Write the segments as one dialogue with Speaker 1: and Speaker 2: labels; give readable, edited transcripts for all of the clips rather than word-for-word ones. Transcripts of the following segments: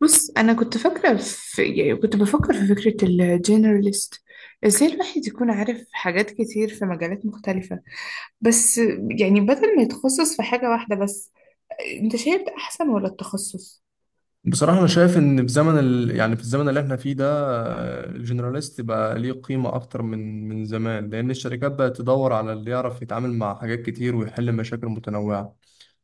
Speaker 1: بص، أنا كنت بفكر في فكرة الجنراليست. ازاي الواحد يكون عارف حاجات كتير في مجالات مختلفة؟ بس يعني بدل ما يتخصص في حاجة واحدة بس. انت شايف ده أحسن ولا التخصص؟
Speaker 2: بصراحة أنا شايف إن في زمن ال... يعني في الزمن اللي إحنا فيه ده، الجنراليست بقى ليه قيمة أكتر من زمان، لأن الشركات بقت تدور على اللي يعرف يتعامل مع حاجات كتير ويحل مشاكل متنوعة،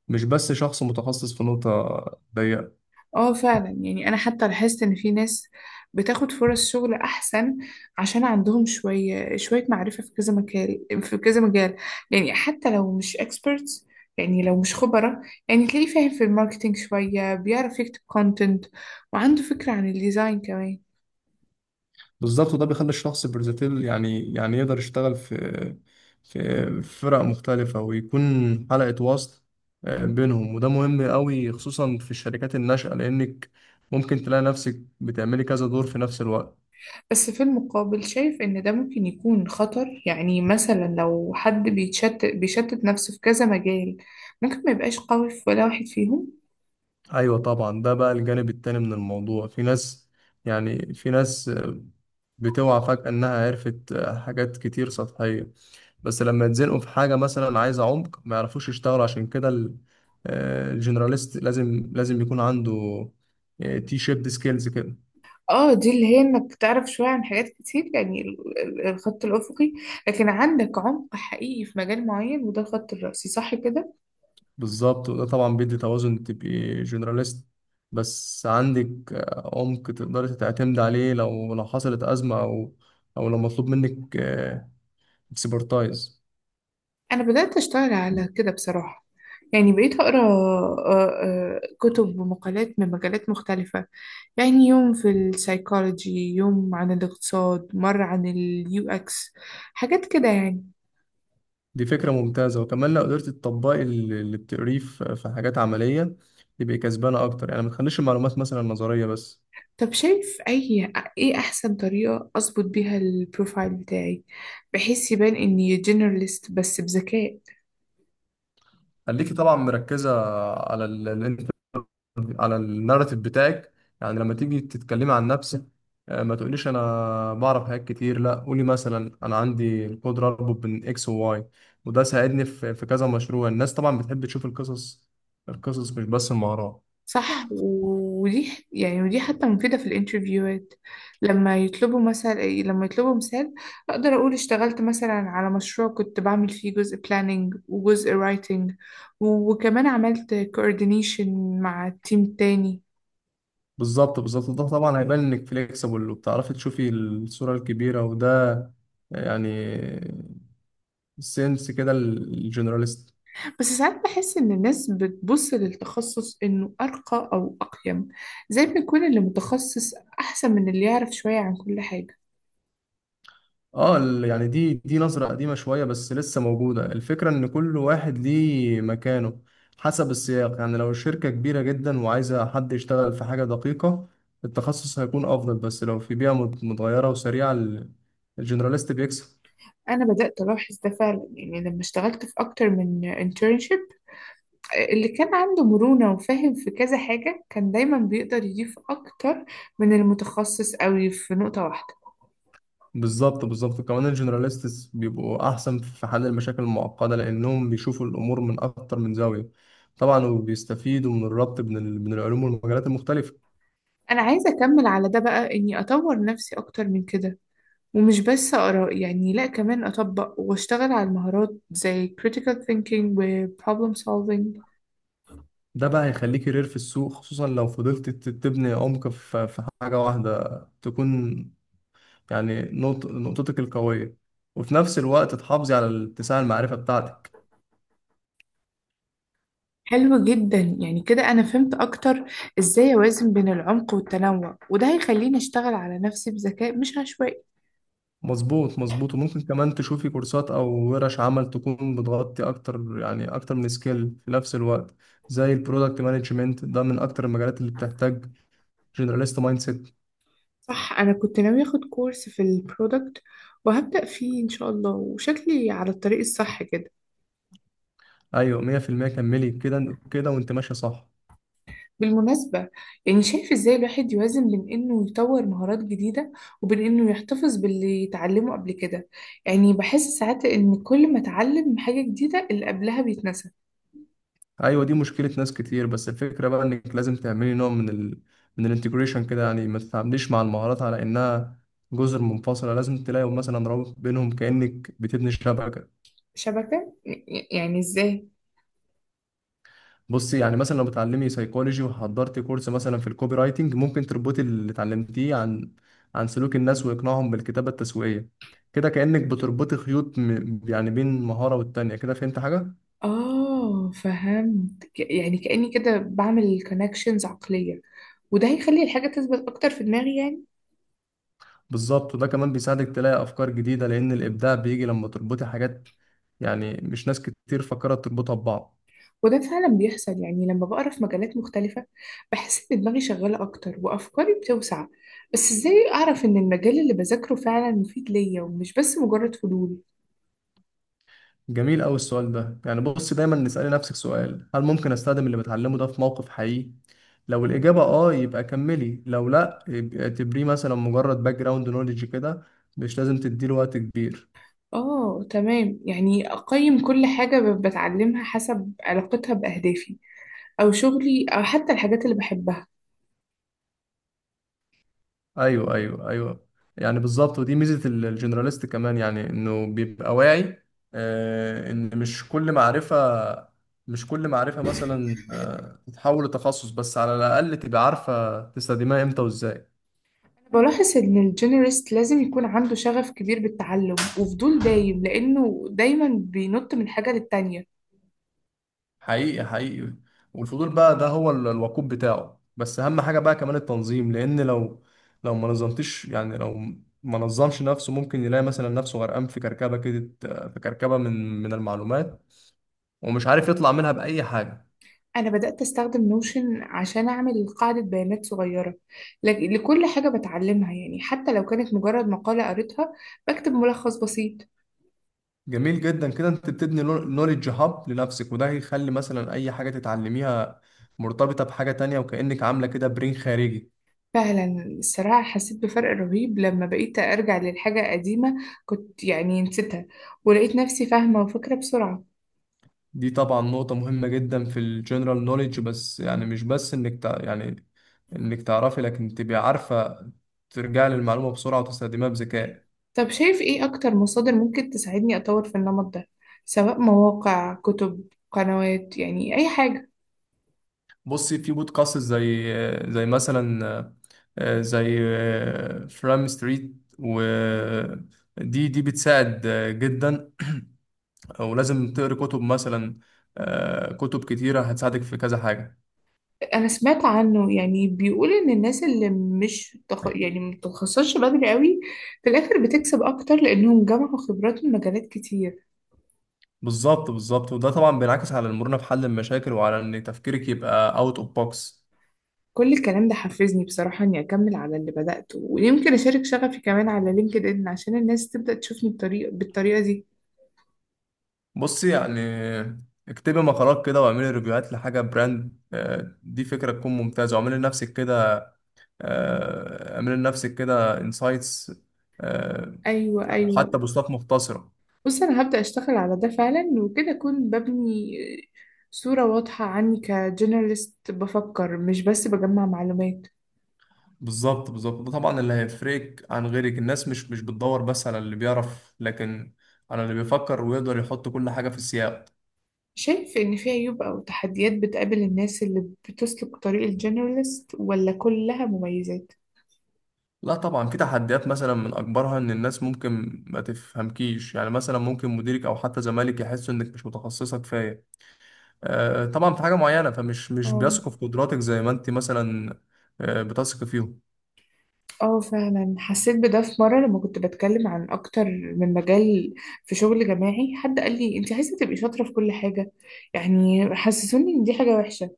Speaker 2: مش بس شخص متخصص في نقطة ضيقة.
Speaker 1: اه، فعلا. يعني انا حتى لاحظت ان في ناس بتاخد فرص شغل احسن، عشان عندهم شوية شوية معرفة في كذا مجال في كذا مجال. يعني حتى لو مش experts، يعني لو مش خبرة. يعني تلاقيه فاهم في الماركتينج شوية، بيعرف يكتب كونتنت، وعنده فكرة عن الديزاين كمان.
Speaker 2: بالظبط، وده بيخلي الشخص برزتيل، يعني يقدر يشتغل في فرق مختلفة ويكون حلقة وصل بينهم، وده مهم قوي خصوصا في الشركات الناشئة، لأنك ممكن تلاقي نفسك بتعملي كذا دور في نفس الوقت.
Speaker 1: بس في المقابل، شايف ان ده ممكن يكون خطر. يعني مثلا لو حد بيتشتت بيشتت نفسه في كذا مجال، ممكن ما يبقاش قوي في ولا واحد فيهم.
Speaker 2: ايوه طبعا، ده بقى الجانب التاني من الموضوع. في ناس، يعني في ناس بتوعى فجأة انها عرفت حاجات كتير سطحية، بس لما يتزنقوا في حاجة مثلا عايزة عمق ما يعرفوش يشتغلوا. عشان كده الجنراليست لازم يكون عنده تي شيبد سكيلز كده.
Speaker 1: اه، دي اللي هي انك تعرف شوية عن حاجات كتير، يعني الخط الأفقي. لكن عندك عمق حقيقي في مجال معين، وده الخط الرأسي، صح كده؟
Speaker 2: بالظبط، وده طبعا بيدي توازن، تبقي جنراليست بس عندك عمق تقدري تعتمد عليه لو حصلت أزمة، او لو مطلوب منك اكسبرتايز.
Speaker 1: أنا بدأت أشتغل على كده بصراحة. يعني بقيت أقرأ كتب ومقالات من مجالات مختلفة. يعني يوم في السايكولوجي، يوم عن الاقتصاد، مرة عن اليو اكس، حاجات كده يعني.
Speaker 2: دي فكرة ممتازة، وكمان لو قدرت تطبقي اللي بتقريه في حاجات عملية تبقي كسبانة أكتر، يعني ما تخليش المعلومات مثلا نظرية بس.
Speaker 1: طب شايف إيه أحسن طريقة أظبط بيها البروفايل بتاعي، بحيث يبان إني جنراليست بس بذكاء؟
Speaker 2: خليكي طبعا مركزة على ال ال على الناراتيف بتاعك، يعني لما تيجي تتكلمي عن نفسك ما تقوليش أنا بعرف حاجات كتير، لا، قولي مثلا أنا عندي القدرة أربط بين إكس وواي، وده ساعدني في كذا مشروع. الناس طبعا بتحب تشوف القصص، مش بس المهارات.
Speaker 1: صح. ودي حتى مفيدة في الانترفيوهات. لما يطلبوا مثال، أقدر أقول اشتغلت مثلا على مشروع كنت بعمل فيه جزء planning وجزء writing، وكمان عملت coordination مع تيم تاني.
Speaker 2: بالظبط ده طبعا هيبان انك فليكسبل وبتعرفي تشوفي الصورة الكبيرة، وده يعني سنس كده الجنراليست.
Speaker 1: بس ساعات بحس إن الناس بتبص للتخصص إنه أرقى أو أقيم، زي ما يكون اللي متخصص أحسن من اللي يعرف شوية عن كل حاجة.
Speaker 2: اه، دي نظرة قديمة شوية بس لسه موجودة. الفكرة ان كل واحد ليه مكانه حسب السياق، يعني لو الشركة كبيرة جدا وعايزة حد يشتغل في حاجة دقيقة، التخصص هيكون افضل، بس لو في بيئة متغيرة وسريعة الجنراليست بيكسب.
Speaker 1: أنا بدأت ألاحظ ده فعلا. يعني لما اشتغلت في أكتر من internship، اللي كان عنده مرونة وفاهم في كذا حاجة كان دايما بيقدر يضيف أكتر من المتخصص قوي في نقطة واحدة.
Speaker 2: بالظبط كمان الجنراليستس بيبقوا احسن في حل المشاكل المعقده لانهم بيشوفوا الامور من اكتر من زاويه، طبعا، وبيستفيدوا من الربط بين العلوم والمجالات المختلفه.
Speaker 1: أنا عايزة أكمل على ده بقى، إني أطور نفسي أكتر من كده، ومش بس آراء، يعني لأ، كمان أطبق وأشتغل على المهارات زي critical thinking و problem solving.
Speaker 2: ده بقى هيخليك كارير في السوق، خصوصا لو فضلت تبني عمق في حاجه واحده تكون يعني نقطتك القويه، وفي نفس الوقت تحافظي على الاتساع المعرفه بتاعتك.
Speaker 1: حلو جدا. يعني كده أنا فهمت أكتر إزاي أوازن بين العمق والتنوع، وده هيخليني أشتغل على نفسي بذكاء مش عشوائي.
Speaker 2: مظبوط وممكن كمان تشوفي كورسات او ورش عمل تكون بتغطي اكتر، يعني اكتر من سكيل في نفس الوقت، زي البرودكت مانجمنت. ده من اكتر المجالات اللي بتحتاج جنراليست مايند سيت.
Speaker 1: صح، انا كنت ناوي اخد كورس في البرودكت، وهبدأ فيه ان شاء الله، وشكلي على الطريق الصح كده.
Speaker 2: ايوه، 100%، كملي كده كده وانت ماشيه صح.
Speaker 1: بالمناسبة، يعني شايف ازاي الواحد يوازن بين انه يطور مهارات جديدة، وبين انه يحتفظ باللي يتعلمه قبل كده؟ يعني بحس ساعات ان كل ما اتعلم حاجة جديدة، اللي قبلها بيتنسى.
Speaker 2: ايوه دي مشكله ناس كتير، بس الفكره بقى انك لازم تعملي نوع من ال من الانتجريشن كده، يعني ما تتعامليش مع المهارات على انها جزر منفصله. لازم تلاقي مثلا رابط بينهم كانك بتبني شبكه.
Speaker 1: شبكة؟ يعني ازاي؟
Speaker 2: بصي، يعني مثلا لو بتعلمي سيكولوجي وحضرتي كورس مثلا في الكوبي رايتنج، ممكن تربطي اللي اتعلمتيه عن سلوك الناس وإقناعهم بالكتابة التسويقية، كده كأنك بتربطي خيوط م... يعني بين مهارة والتانية. كده فهمت حاجة؟
Speaker 1: اه، فهمت. يعني كأني كده بعمل كونكشنز عقلية، وده هيخلي الحاجة تثبت اكتر في دماغي يعني.
Speaker 2: بالظبط، وده كمان بيساعدك تلاقي أفكار جديدة، لأن الإبداع بيجي لما تربطي حاجات يعني مش ناس كتير فكرت تربطها ببعض.
Speaker 1: وده فعلا بيحصل. يعني لما بقرا في مجالات مختلفة بحس إن دماغي شغالة أكتر، وأفكاري بتوسع. بس إزاي أعرف إن المجال اللي بذاكره فعلا مفيد ليا، ومش بس مجرد فضول؟
Speaker 2: جميل أوي السؤال ده. يعني بص، دايما نسألي نفسك سؤال: هل ممكن أستخدم اللي بتعلمه ده في موقف حقيقي؟ لو الإجابة آه يبقى كملي، لو لأ يبقى اعتبريه مثلا مجرد باك جراوند نوليدج كده، مش لازم تديله وقت كبير.
Speaker 1: آه، تمام. يعني أقيم كل حاجة بتعلمها حسب علاقتها بأهدافي، أو شغلي، أو حتى الحاجات اللي بحبها.
Speaker 2: أيوه أيوه أيوه، يعني بالظبط. ودي ميزة الجنراليست كمان، يعني إنه بيبقى واعي إن مش كل معرفة، مثلا تتحول لتخصص، بس على الأقل تبقى عارفة تستخدمها إمتى وإزاي.
Speaker 1: بلاحظ إن الجينيرست لازم يكون عنده شغف كبير بالتعلم وفضول دايم، لأنه دايما بينط من حاجة للتانية.
Speaker 2: حقيقي والفضول بقى ده هو الوقود بتاعه، بس اهم حاجة بقى كمان التنظيم، لان لو ما نظمتش، يعني ما نظمش نفسه ممكن يلاقي مثلا نفسه غرقان في كركبة كده، في كركبة من المعلومات، ومش عارف يطلع منها بأي حاجة.
Speaker 1: أنا بدأت أستخدم نوشن عشان أعمل قاعدة بيانات صغيرة لكل حاجة بتعلمها. يعني حتى لو كانت مجرد مقالة قريتها، بكتب ملخص بسيط.
Speaker 2: جميل جدا كده، انت بتبني نوليدج هاب لنفسك، وده هيخلي مثلا اي حاجة تتعلميها مرتبطة بحاجة تانية، وكأنك عاملة كده برين خارجي.
Speaker 1: فعلا، الصراحة حسيت بفرق رهيب لما بقيت أرجع للحاجة قديمة كنت يعني نسيتها، ولقيت نفسي فاهمة وفاكرة بسرعة.
Speaker 2: دي طبعا نقطة مهمة جدا في الجنرال نوليدج، بس يعني مش بس انك تع... يعني انك تعرفي، لكن تبقي عارفة ترجعي للمعلومة بسرعة وتستخدميها بذكاء.
Speaker 1: طب شايف إيه أكتر مصادر ممكن تساعدني أطور في النمط ده، سواء مواقع، كتب، قنوات، يعني أي حاجة؟
Speaker 2: بصي، في بودكاست زي مثلا، آه، زي فرام ستريت، و دي بتساعد جدا. ولازم تقري كتب مثلا، كتب كتيرة هتساعدك في كذا حاجة.
Speaker 1: انا سمعت عنه. يعني بيقول ان الناس اللي مش تخ... يعني متخصصش بدري قوي، في الاخر بتكسب اكتر، لانهم جمعوا خبرات من مجالات كتير.
Speaker 2: بالظبط وده طبعا بينعكس على المرونة في حل المشاكل، وعلى ان تفكيرك يبقى اوت اوف بوكس.
Speaker 1: كل الكلام ده حفزني بصراحة، اني اكمل على اللي بدأته، ويمكن اشارك شغفي كمان على لينكد ان، عشان الناس تبدأ تشوفني بالطريقة دي.
Speaker 2: بصي يعني، اكتبي مقالات كده واعملي ريفيوهات لحاجة براند، دي فكرة تكون ممتازة، واعملي لنفسك كده، انسايتس،
Speaker 1: ايوه،
Speaker 2: أو
Speaker 1: ايوه.
Speaker 2: حتى بوستات مختصرة.
Speaker 1: بص، انا هبدأ اشتغل على ده فعلا، وكده اكون ببني صورة واضحة عني كجنراليست بفكر، مش بس بجمع معلومات.
Speaker 2: بالظبط ده طبعا اللي هيفرقك عن غيرك. الناس مش بتدور بس على اللي بيعرف، لكن على اللي بيفكر ويقدر يحط كل حاجة في السياق.
Speaker 1: شايف إن في عيوب أو تحديات بتقابل الناس اللي بتسلك طريق الجنراليست، ولا كلها مميزات؟
Speaker 2: لا طبعا في تحديات، مثلا من أكبرها إن الناس ممكن ما تفهمكيش، يعني مثلا ممكن مديرك أو حتى زمالك يحسوا إنك مش متخصصة كفاية طبعا في حاجة معينة، فمش مش
Speaker 1: اه،
Speaker 2: بيثقوا في قدراتك زي ما انت مثلا بتثق فيهم.
Speaker 1: اه. فعلا حسيت بده في مرة لما كنت بتكلم عن أكتر من مجال في شغل جماعي، حد قال لي: أنت عايزة تبقي شاطرة في كل حاجة، يعني حسسوني إن دي حاجة وحشة.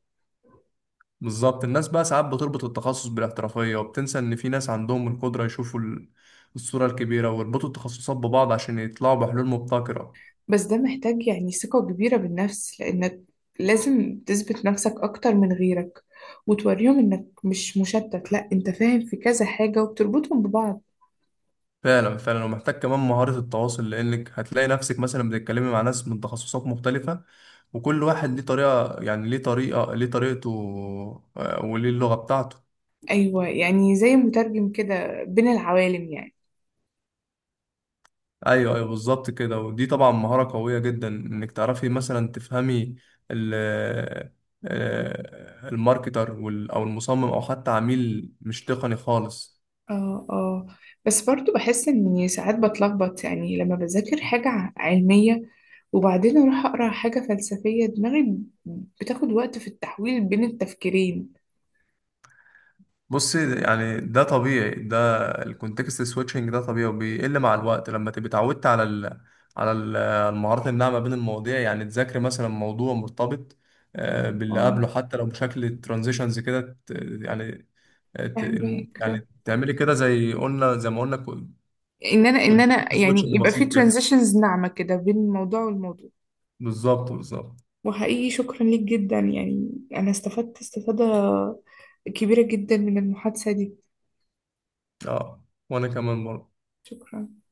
Speaker 2: بالظبط، الناس بقى ساعات بتربط التخصص بالاحترافية، وبتنسى ان في ناس عندهم القدرة يشوفوا الصورة الكبيرة ويربطوا التخصصات ببعض عشان يطلعوا بحلول مبتكرة.
Speaker 1: بس ده محتاج يعني ثقة كبيرة بالنفس، لأنك لازم تثبت نفسك أكتر من غيرك، وتوريهم إنك مش مشتت، لأ أنت فاهم في كذا حاجة وبتربطهم ببعض.
Speaker 2: فعلا ومحتاج كمان مهارة التواصل، لانك هتلاقي نفسك مثلا بتتكلمي مع ناس من تخصصات مختلفة، وكل واحد ليه طريقة، ليه طريقته وليه اللغة بتاعته.
Speaker 1: أيوة، يعني زي مترجم كده بين العوالم يعني.
Speaker 2: ايوه بالظبط كده، ودي طبعا مهارة قوية جدا، انك تعرفي مثلا تفهمي ال آه، الماركتر او المصمم او حتى عميل مش تقني خالص.
Speaker 1: اه، اه. بس برضو بحس إني ساعات بتلخبط، يعني لما بذاكر حاجة علمية، وبعدين أروح أقرأ حاجة فلسفية، دماغي بتاخد وقت في التحويل بين التفكيرين.
Speaker 2: بصي يعني، ده طبيعي، ده الكونتكست سويتشنج ده طبيعي وبيقل مع الوقت لما تبقي اتعودت على المهارات الناعمة بين المواضيع، يعني تذاكري مثلا موضوع مرتبط باللي
Speaker 1: اه،
Speaker 2: قبله حتى لو بشكل ترانزيشنز كده، يعني آه، ت-
Speaker 1: فاهمك.
Speaker 2: تعملي كده زي قلنا زي ما قلنا،
Speaker 1: إن أنا إن
Speaker 2: كنت
Speaker 1: أنا يعني
Speaker 2: سويتشنج
Speaker 1: يبقى في
Speaker 2: بسيط كده.
Speaker 1: ترانزيشنز ناعمة كده بين الموضوع والموضوع.
Speaker 2: بالظبط
Speaker 1: وحقيقي شكرا ليك جدا، يعني أنا استفدت استفادة كبيرة جدا من المحادثة دي.
Speaker 2: اه وانا كمان برضه.
Speaker 1: شكرا.